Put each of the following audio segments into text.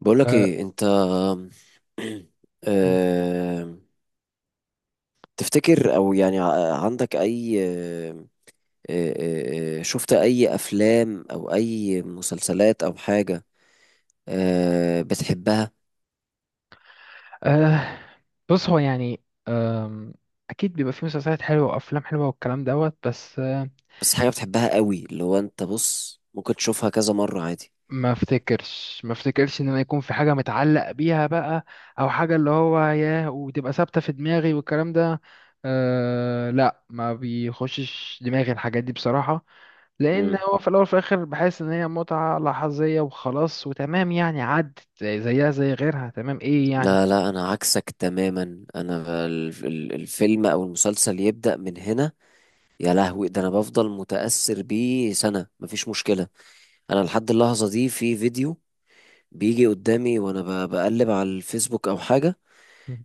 بقولك أه ايه انت؟ آم، تفتكر او يعني عندك اي آم، آه، آه، آه، شفت اي افلام او اي مسلسلات او حاجة بتحبها؟ أه. بص هو يعني أم، اكيد بيبقى في مسلسلات حلوه وافلام حلوه والكلام دوت بس بس حاجة بتحبها قوي، اللي هو انت بص ممكن تشوفها كذا مرة عادي. ما افتكرش ان انا يكون في حاجه متعلق بيها بقى او حاجه اللي هو ياه وتبقى ثابته في دماغي والكلام ده. أه لا، ما بيخشش دماغي الحاجات دي بصراحه، لان مم. هو في الاول وفي الاخر بحس ان هي متعه لحظيه وخلاص وتمام، يعني عدت زيها زي غيرها. تمام، ايه يعني. لا، لا، انا عكسك تماما. انا الفيلم او المسلسل يبدأ من هنا، يا لهوي ده انا بفضل متأثر بيه سنة، مفيش مشكلة. انا لحد اللحظة دي في فيديو بيجي قدامي وانا بقلب على الفيسبوك او حاجه،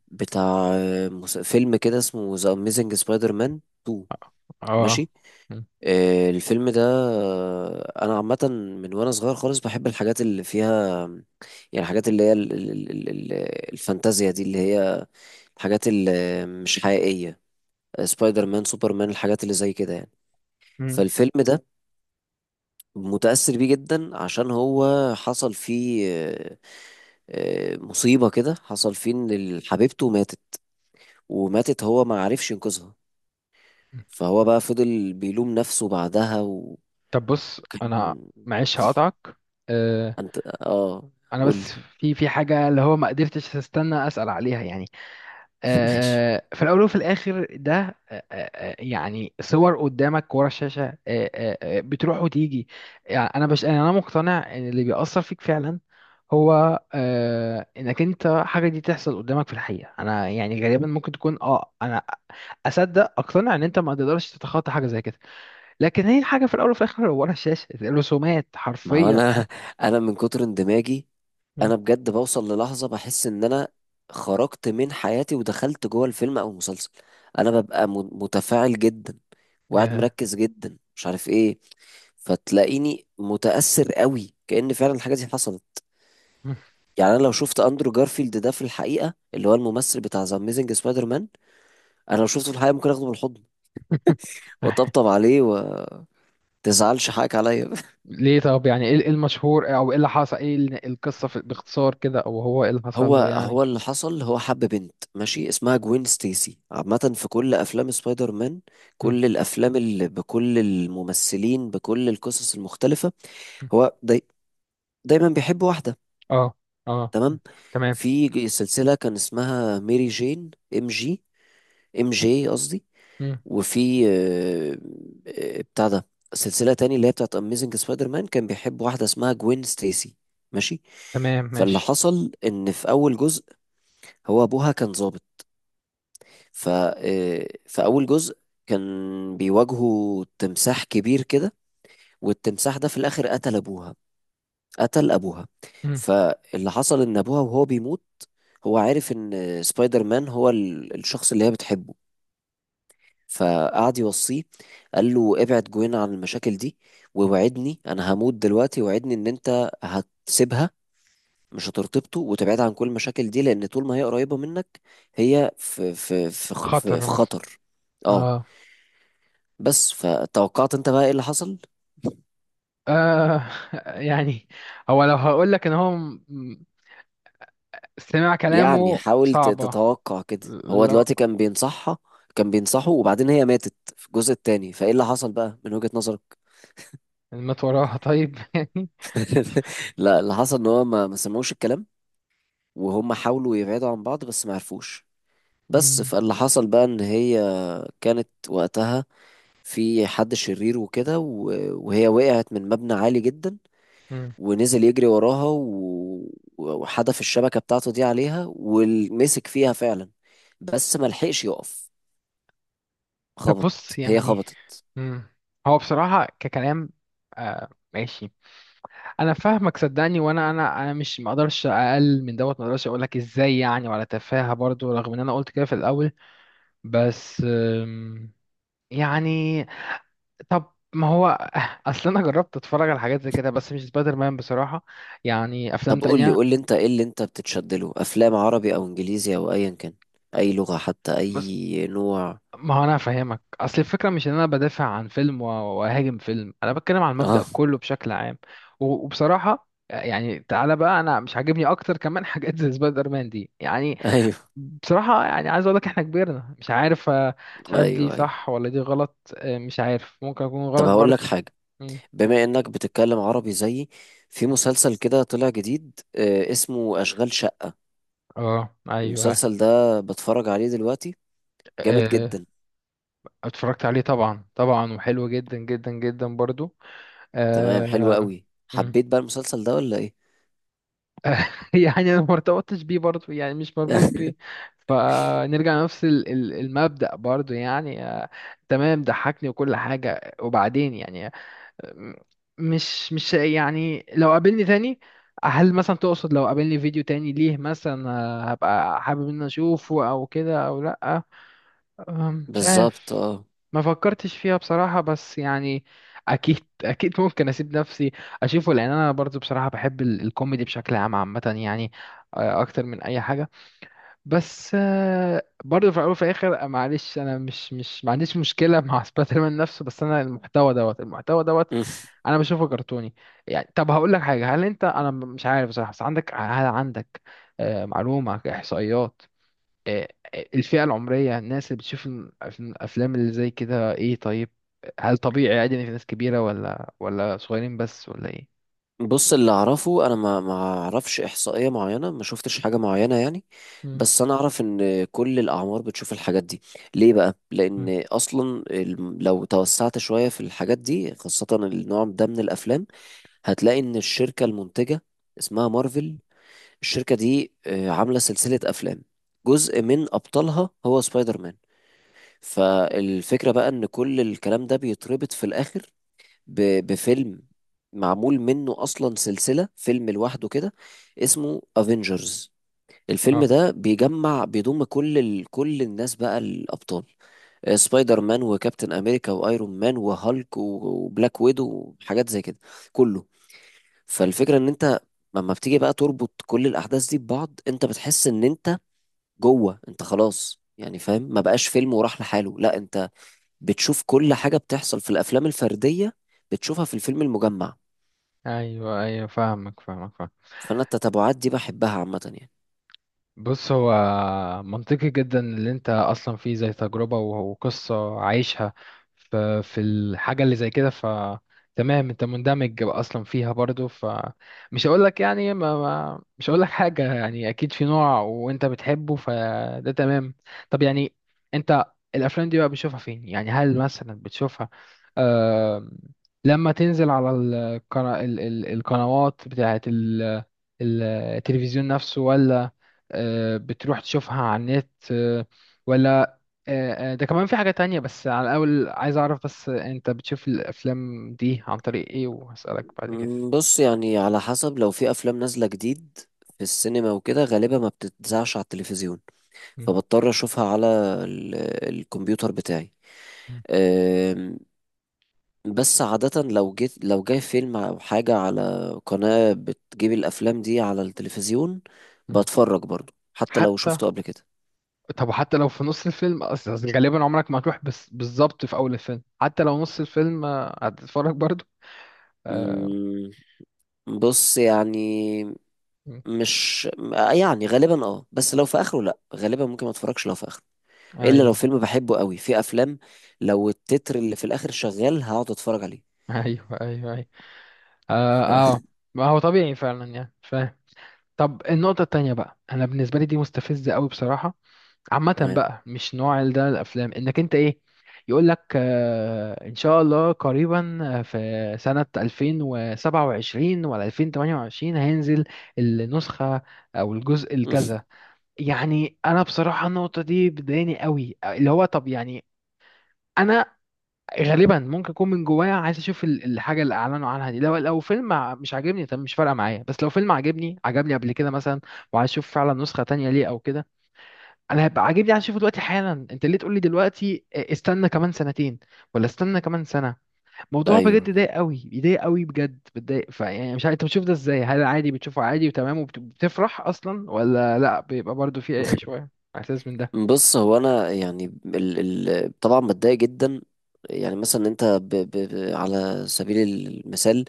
بتاع فيلم كده اسمه ذا اميزنج سبايدر مان 2. اه. ماشي. الفيلم ده، انا عامه من وانا صغير خالص بحب الحاجات اللي فيها، يعني الحاجات اللي هي الفانتازيا دي، اللي هي الحاجات اللي مش حقيقيه، سبايدر مان، سوبر مان، الحاجات اللي زي كده يعني. فالفيلم ده متأثر بيه جدا، عشان هو حصل فيه مصيبة كده، حصل فيه ان حبيبته ماتت، وماتت هو ما عرفش ينقذها، فهو بقى فضل بيلوم نفسه بعدها، طب بص انا، وكان. معلش هقطعك. أه، انت اه. انا قول لي. بس في حاجه اللي هو ما قدرتش استنى اسال عليها يعني. ماشي. أه في الاول وفي الاخر ده أه أه آه، يعني صور قدامك ورا الشاشه أه أه آه، بتروح وتيجي. يعني انا يعني انا مقتنع ان اللي بيأثر فيك فعلا هو انك انت حاجه دي تحصل قدامك في الحقيقه. انا يعني غالبا ممكن تكون انا اصدق اقتنع ان انت ما تقدرش تتخطى حاجه زي كده، لكن هي الحاجه في الاول وفي الاخر ورا الشاشه رسومات ما هو حرفيا يعني. انا انا من كتر اندماجي مم. انا بجد بوصل للحظة بحس ان انا خرجت من حياتي ودخلت جوه الفيلم او المسلسل. انا ببقى متفاعل جدا وقاعد يا. مركز جدا، مش عارف ايه، فتلاقيني متأثر قوي كأن فعلا الحاجة دي حصلت. يعني انا لو شفت اندرو جارفيلد ده في الحقيقة، اللي هو الممثل بتاع ذا اميزنج سبايدر مان، انا لو شفته في الحقيقه ممكن اخده بالحضن واطبطب عليه و تزعلش، حقك عليا. ليه؟ طب يعني ايه، إيه المشهور او ايه اللي حصل، ايه القصه في باختصار كده، او هو ايه اللي حصل هو له يعني. هو اللي حصل، هو حب بنت، ماشي، اسمها جوين ستيسي. عامة في كل أفلام سبايدر مان، مم. كل الأفلام اللي بكل الممثلين بكل القصص المختلفة، مم. هو دايما بيحب واحدة. اه، اه. مم. تمام. تمام. في سلسلة كان اسمها ميري جين، ام جي، ام جي قصدي. مم. وفي بتاع ده، سلسلة تاني اللي هي بتاعت أميزنج سبايدر مان، كان بيحب واحدة اسمها جوين ستيسي. ماشي. تمام فاللي ماشي. حصل إن في أول جزء هو أبوها كان ظابط، ف في أول جزء كان بيواجهوا تمساح كبير كده، والتمساح ده في الآخر قتل أبوها. قتل أبوها. مم. فاللي حصل إن أبوها وهو بيموت هو عارف إن سبايدر مان هو الشخص اللي هي بتحبه، فقعد يوصيه، قال له ابعد جوين عن المشاكل دي، ووعدني انا هموت دلوقتي، وعدني ان انت هتسيبها، مش هترتبطه وتبعد عن كل المشاكل دي، لان طول ما هي قريبة منك هي في في في خ- في, خطر في مثلا. خطر. اه. اه. بس فتوقعت انت بقى ايه اللي حصل؟ آه. يعني هو، لو هقول لك ان هو استماع يعني كلامه حاول صعبة. تتوقع كده، هو لو دلوقتي كان بينصحها، كان بينصحه، وبعدين هي ماتت في الجزء التاني، فايه اللي حصل بقى من وجهة نظرك؟ مات وراها، طيب يعني. لا، اللي حصل ان هو ما سمعوش الكلام، وهم حاولوا يبعدوا عن بعض بس ما عرفوش. بس فاللي حصل بقى ان هي كانت وقتها في حد شرير وكده، وهي وقعت من مبنى عالي جدا، مم. ونزل يجري وراها وحدف الشبكة بتاعته دي عليها ومسك فيها فعلا، بس ما لحقش يقف، طب خبط. بص هي يعني. خبطت. مم. هو بصراحة ككلام، آه ماشي، أنا فاهمك صدقني، وأنا أنا أنا مش مقدرش أقل من دوت، مقدرش أقولك إزاي يعني، ولا تفاهة برضو رغم إن أنا قلت كده في الأول. بس آم، يعني، طب ما هو أصل أنا جربت أتفرج على حاجات زي كده بس مش سبايدر مان بصراحة، يعني أفلام طب قول لي، تانية. قول لي انت ايه اللي انت بتتشد له، افلام عربي او انجليزي او ايا كان، اي لغة، حتى بس اي نوع. ما هو انا فاهمك، اصل الفكره مش ان انا بدافع عن فيلم واهاجم فيلم، انا بتكلم عن المبدأ اه. كله بشكل عام. وبصراحه يعني، تعالى بقى، انا مش عاجبني اكتر كمان حاجات زي سبايدر مان دي يعني. ايوه، بصراحه يعني عايز اقول لك احنا كبرنا، مش عارف مش ايوه، عارف دي ايوه. صح ولا دي غلط، مش عارف، ممكن اكون طب غلط هقول لك برضو. حاجة، مم. بما انك بتتكلم عربي زيي، في مسلسل كده طلع جديد اسمه اشغال شقة، اه، ايوه. المسلسل ده بتفرج عليه دلوقتي؟ جامد آه، جدا. اتفرجت عليه طبعا طبعا، وحلو جدا جدا جدا برضو. تمام، حلو آه، قوي، حبيت بقى المسلسل ده ولا ايه؟ يعني انا ما ارتبطتش بيه برضه، يعني مش مربوط بيه، فنرجع لنفس المبدأ برضه يعني. تمام، ضحكني وكل حاجة، وبعدين يعني مش يعني لو قابلني تاني. هل مثلا تقصد لو قابلني فيديو تاني ليه مثلا هبقى حابب ان أنا اشوفه او كده او لا؟ مش بالظبط، عارف، اه. ما فكرتش فيها بصراحة، بس يعني أكيد، أكيد ممكن أسيب نفسي أشوفه، لأن أنا برضو بصراحة بحب الكوميدي بشكل عام عامة يعني، أكتر من أي حاجة. بس برضو في الأول وفي الآخر معلش، أنا مش مش ما عنديش مشكلة مع سبايدر مان نفسه، بس أنا المحتوى دوت المحتوى دوت، مم. أنا بشوفه كرتوني. يعني طب هقول لك حاجة، هل أنت، أنا مش عارف بصراحة، بس عندك، هل عندك معلومة، إحصائيات آه، الفئة العمرية الناس اللي بتشوف الأفلام اللي زي كده إيه؟ طيب، هل طبيعي عادي إن في ناس كبيرة ولا صغيرين بس ولا إيه؟ بص اللي اعرفه انا، ما اعرفش احصائيه معينه، ما شفتش حاجه معينه يعني، مم. بس انا اعرف ان كل الاعمار بتشوف الحاجات دي. ليه بقى؟ مم. لان اصلا لو توسعت شويه في الحاجات دي، خاصه النوع ده من الافلام، هتلاقي ان الشركة المنتجة اسمها مارفل، الشركة دي عاملة سلسلة افلام، جزء من ابطالها هو سبايدر مان. فالفكرة بقى ان كل الكلام ده بيتربط في الاخر بفيلم معمول منه اصلا سلسلة فيلم لوحده كده، اسمه افنجرز. الفيلم اه، ده بيجمع، بيضم كل كل الناس بقى، الابطال، سبايدر مان وكابتن امريكا وايرون مان وهالك وبلاك ويدو وحاجات زي كده، كله. فالفكرة ان انت لما بتيجي بقى تربط كل الاحداث دي ببعض، انت بتحس ان انت جوه، انت خلاص يعني فاهم، ما بقاش فيلم وراح لحاله، لا، انت بتشوف كل حاجة بتحصل في الافلام الفردية بتشوفها في الفيلم المجمع، ايوه، ايوه، فاهمك فاهمك فاهمك. فانا التتابعات دي بحبها عامة يعني. بص هو منطقي جدا اللي انت اصلا فيه زي تجربة وقصة عايشها، في الحاجة اللي زي كده، ف تمام انت مندمج اصلا فيها برضو، فمش هقول لك يعني ما ما مش هقول لك حاجة، يعني اكيد في نوع وانت بتحبه فده تمام. طب يعني انت الافلام دي بقى بتشوفها فين يعني؟ هل مثلا بتشوفها آه لما تنزل على القنوات بتاعت التلفزيون نفسه، ولا بتروح تشوفها على النت ولا ده كمان في حاجة تانية، بس على الأول عايز أعرف بس أنت بتشوف الأفلام دي عن طريق إيه، وهسألك بعد كده. بص يعني على حسب، لو في افلام نازلة جديد في السينما وكده غالبا ما بتتذاعش على التلفزيون، مم، فبضطر اشوفها على ال- الكمبيوتر مم، بتاعي. بس عادة لو جيت لو جاي فيلم أو حاجة على قناة بتجيب الأفلام دي على التلفزيون، مم. بتفرج برضو حتى لو حتى، شفته قبل كده. طب حتى لو في نص الفيلم، أصل أصل غالبا عمرك ما هتروح بس بالظبط في أول الفيلم، حتى لو نص الفيلم هتتفرج برضو. آه، أمم، بص يعني، مم. مش يعني غالبا، اه، بس لو في آخره لأ، غالبا ممكن ما اتفرجش لو في آخره، إلا لو أيوه فيلم بحبه قوي، في أفلام لو التتر اللي في الآخر شغال هقعد أتفرج عليه. أيوه أيوه أيوه، آه آه، ما هو طبيعي فعلا يعني، فاهم. طب النقطة التانية بقى، أنا بالنسبة لي دي مستفزة أوي بصراحة، عامة تمام. بقى مش نوع ده الأفلام، إنك أنت إيه، يقول لك آه إن شاء الله قريبا في سنة 2027 ولا 2028 هينزل النسخة أو الجزء الكذا. يعني أنا بصراحة النقطة دي بتضايقني قوي، اللي هو طب يعني أنا غالبا ممكن أكون من جوايا عايز أشوف الحاجة اللي أعلنوا عنها دي، لو لو فيلم مش عاجبني طب مش فارقة معايا، بس لو فيلم عاجبني عجبني قبل كده مثلا وعايز أشوف فعلا نسخة تانية ليه أو كده، انا هبقى عاجبني عشان اشوفه دلوقتي حالا، انت ليه تقول لي دلوقتي استنى كمان سنتين ولا استنى كمان سنه؟ موضوع أيوه. بجد ضايق قوي، بيضايق قوي بجد، بتضايق، فيعني مش عارف انت بتشوف ده ازاي، هل عادي بتشوفه عادي وتمام وبتفرح اصلا، ولا لا بيبقى برضو في شويه احساس من ده. بص هو انا يعني ال طبعا بتضايق جدا، يعني مثلا انت ب على سبيل المثال،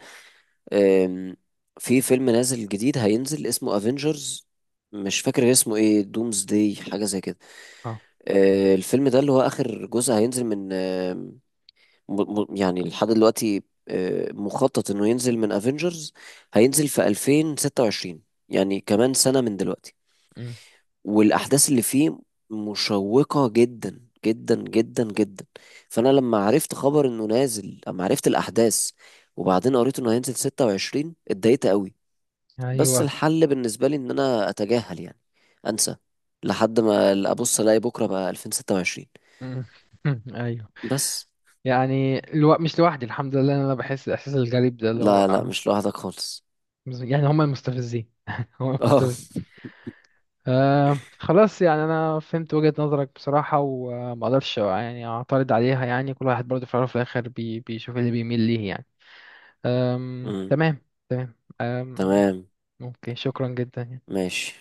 آم، في فيلم نازل جديد هينزل اسمه افنجرز، مش فاكر اسمه ايه، دومز داي حاجه زي كده، اه. الفيلم ده اللي هو اخر جزء هينزل من يعني لحد دلوقتي مخطط انه ينزل من افنجرز هينزل في 2026، يعني كمان سنه من دلوقتي. أمم. والاحداث اللي فيه مشوقة جدا جدا جدا جدا، فانا لما عرفت خبر انه نازل، لما عرفت الاحداث وبعدين قريت انه هينزل 26، اتضايقت قوي. بس ايوه. الحل بالنسبة لي ان انا اتجاهل يعني، انسى، لحد ما ابص الاقي بكرة بقى 2026. أمم. ايوه. بس يعني مش لوحدي، الحمد لله إن انا بحس الاحساس الغريب ده اللي هو لا، لا، آه. مش لوحدك خالص. يعني هم المستفزين، هم اه. المستفزين. آه خلاص، يعني انا فهمت وجهة نظرك بصراحة، وما اقدرش يعني اعترض عليها، يعني كل واحد برضه في الاول وفي الاخر بيشوف اللي بيميل ليه يعني. آم أمم، تمام. تمام. آم. تمام. ممكن، شكرا جدا يعني. ماشي.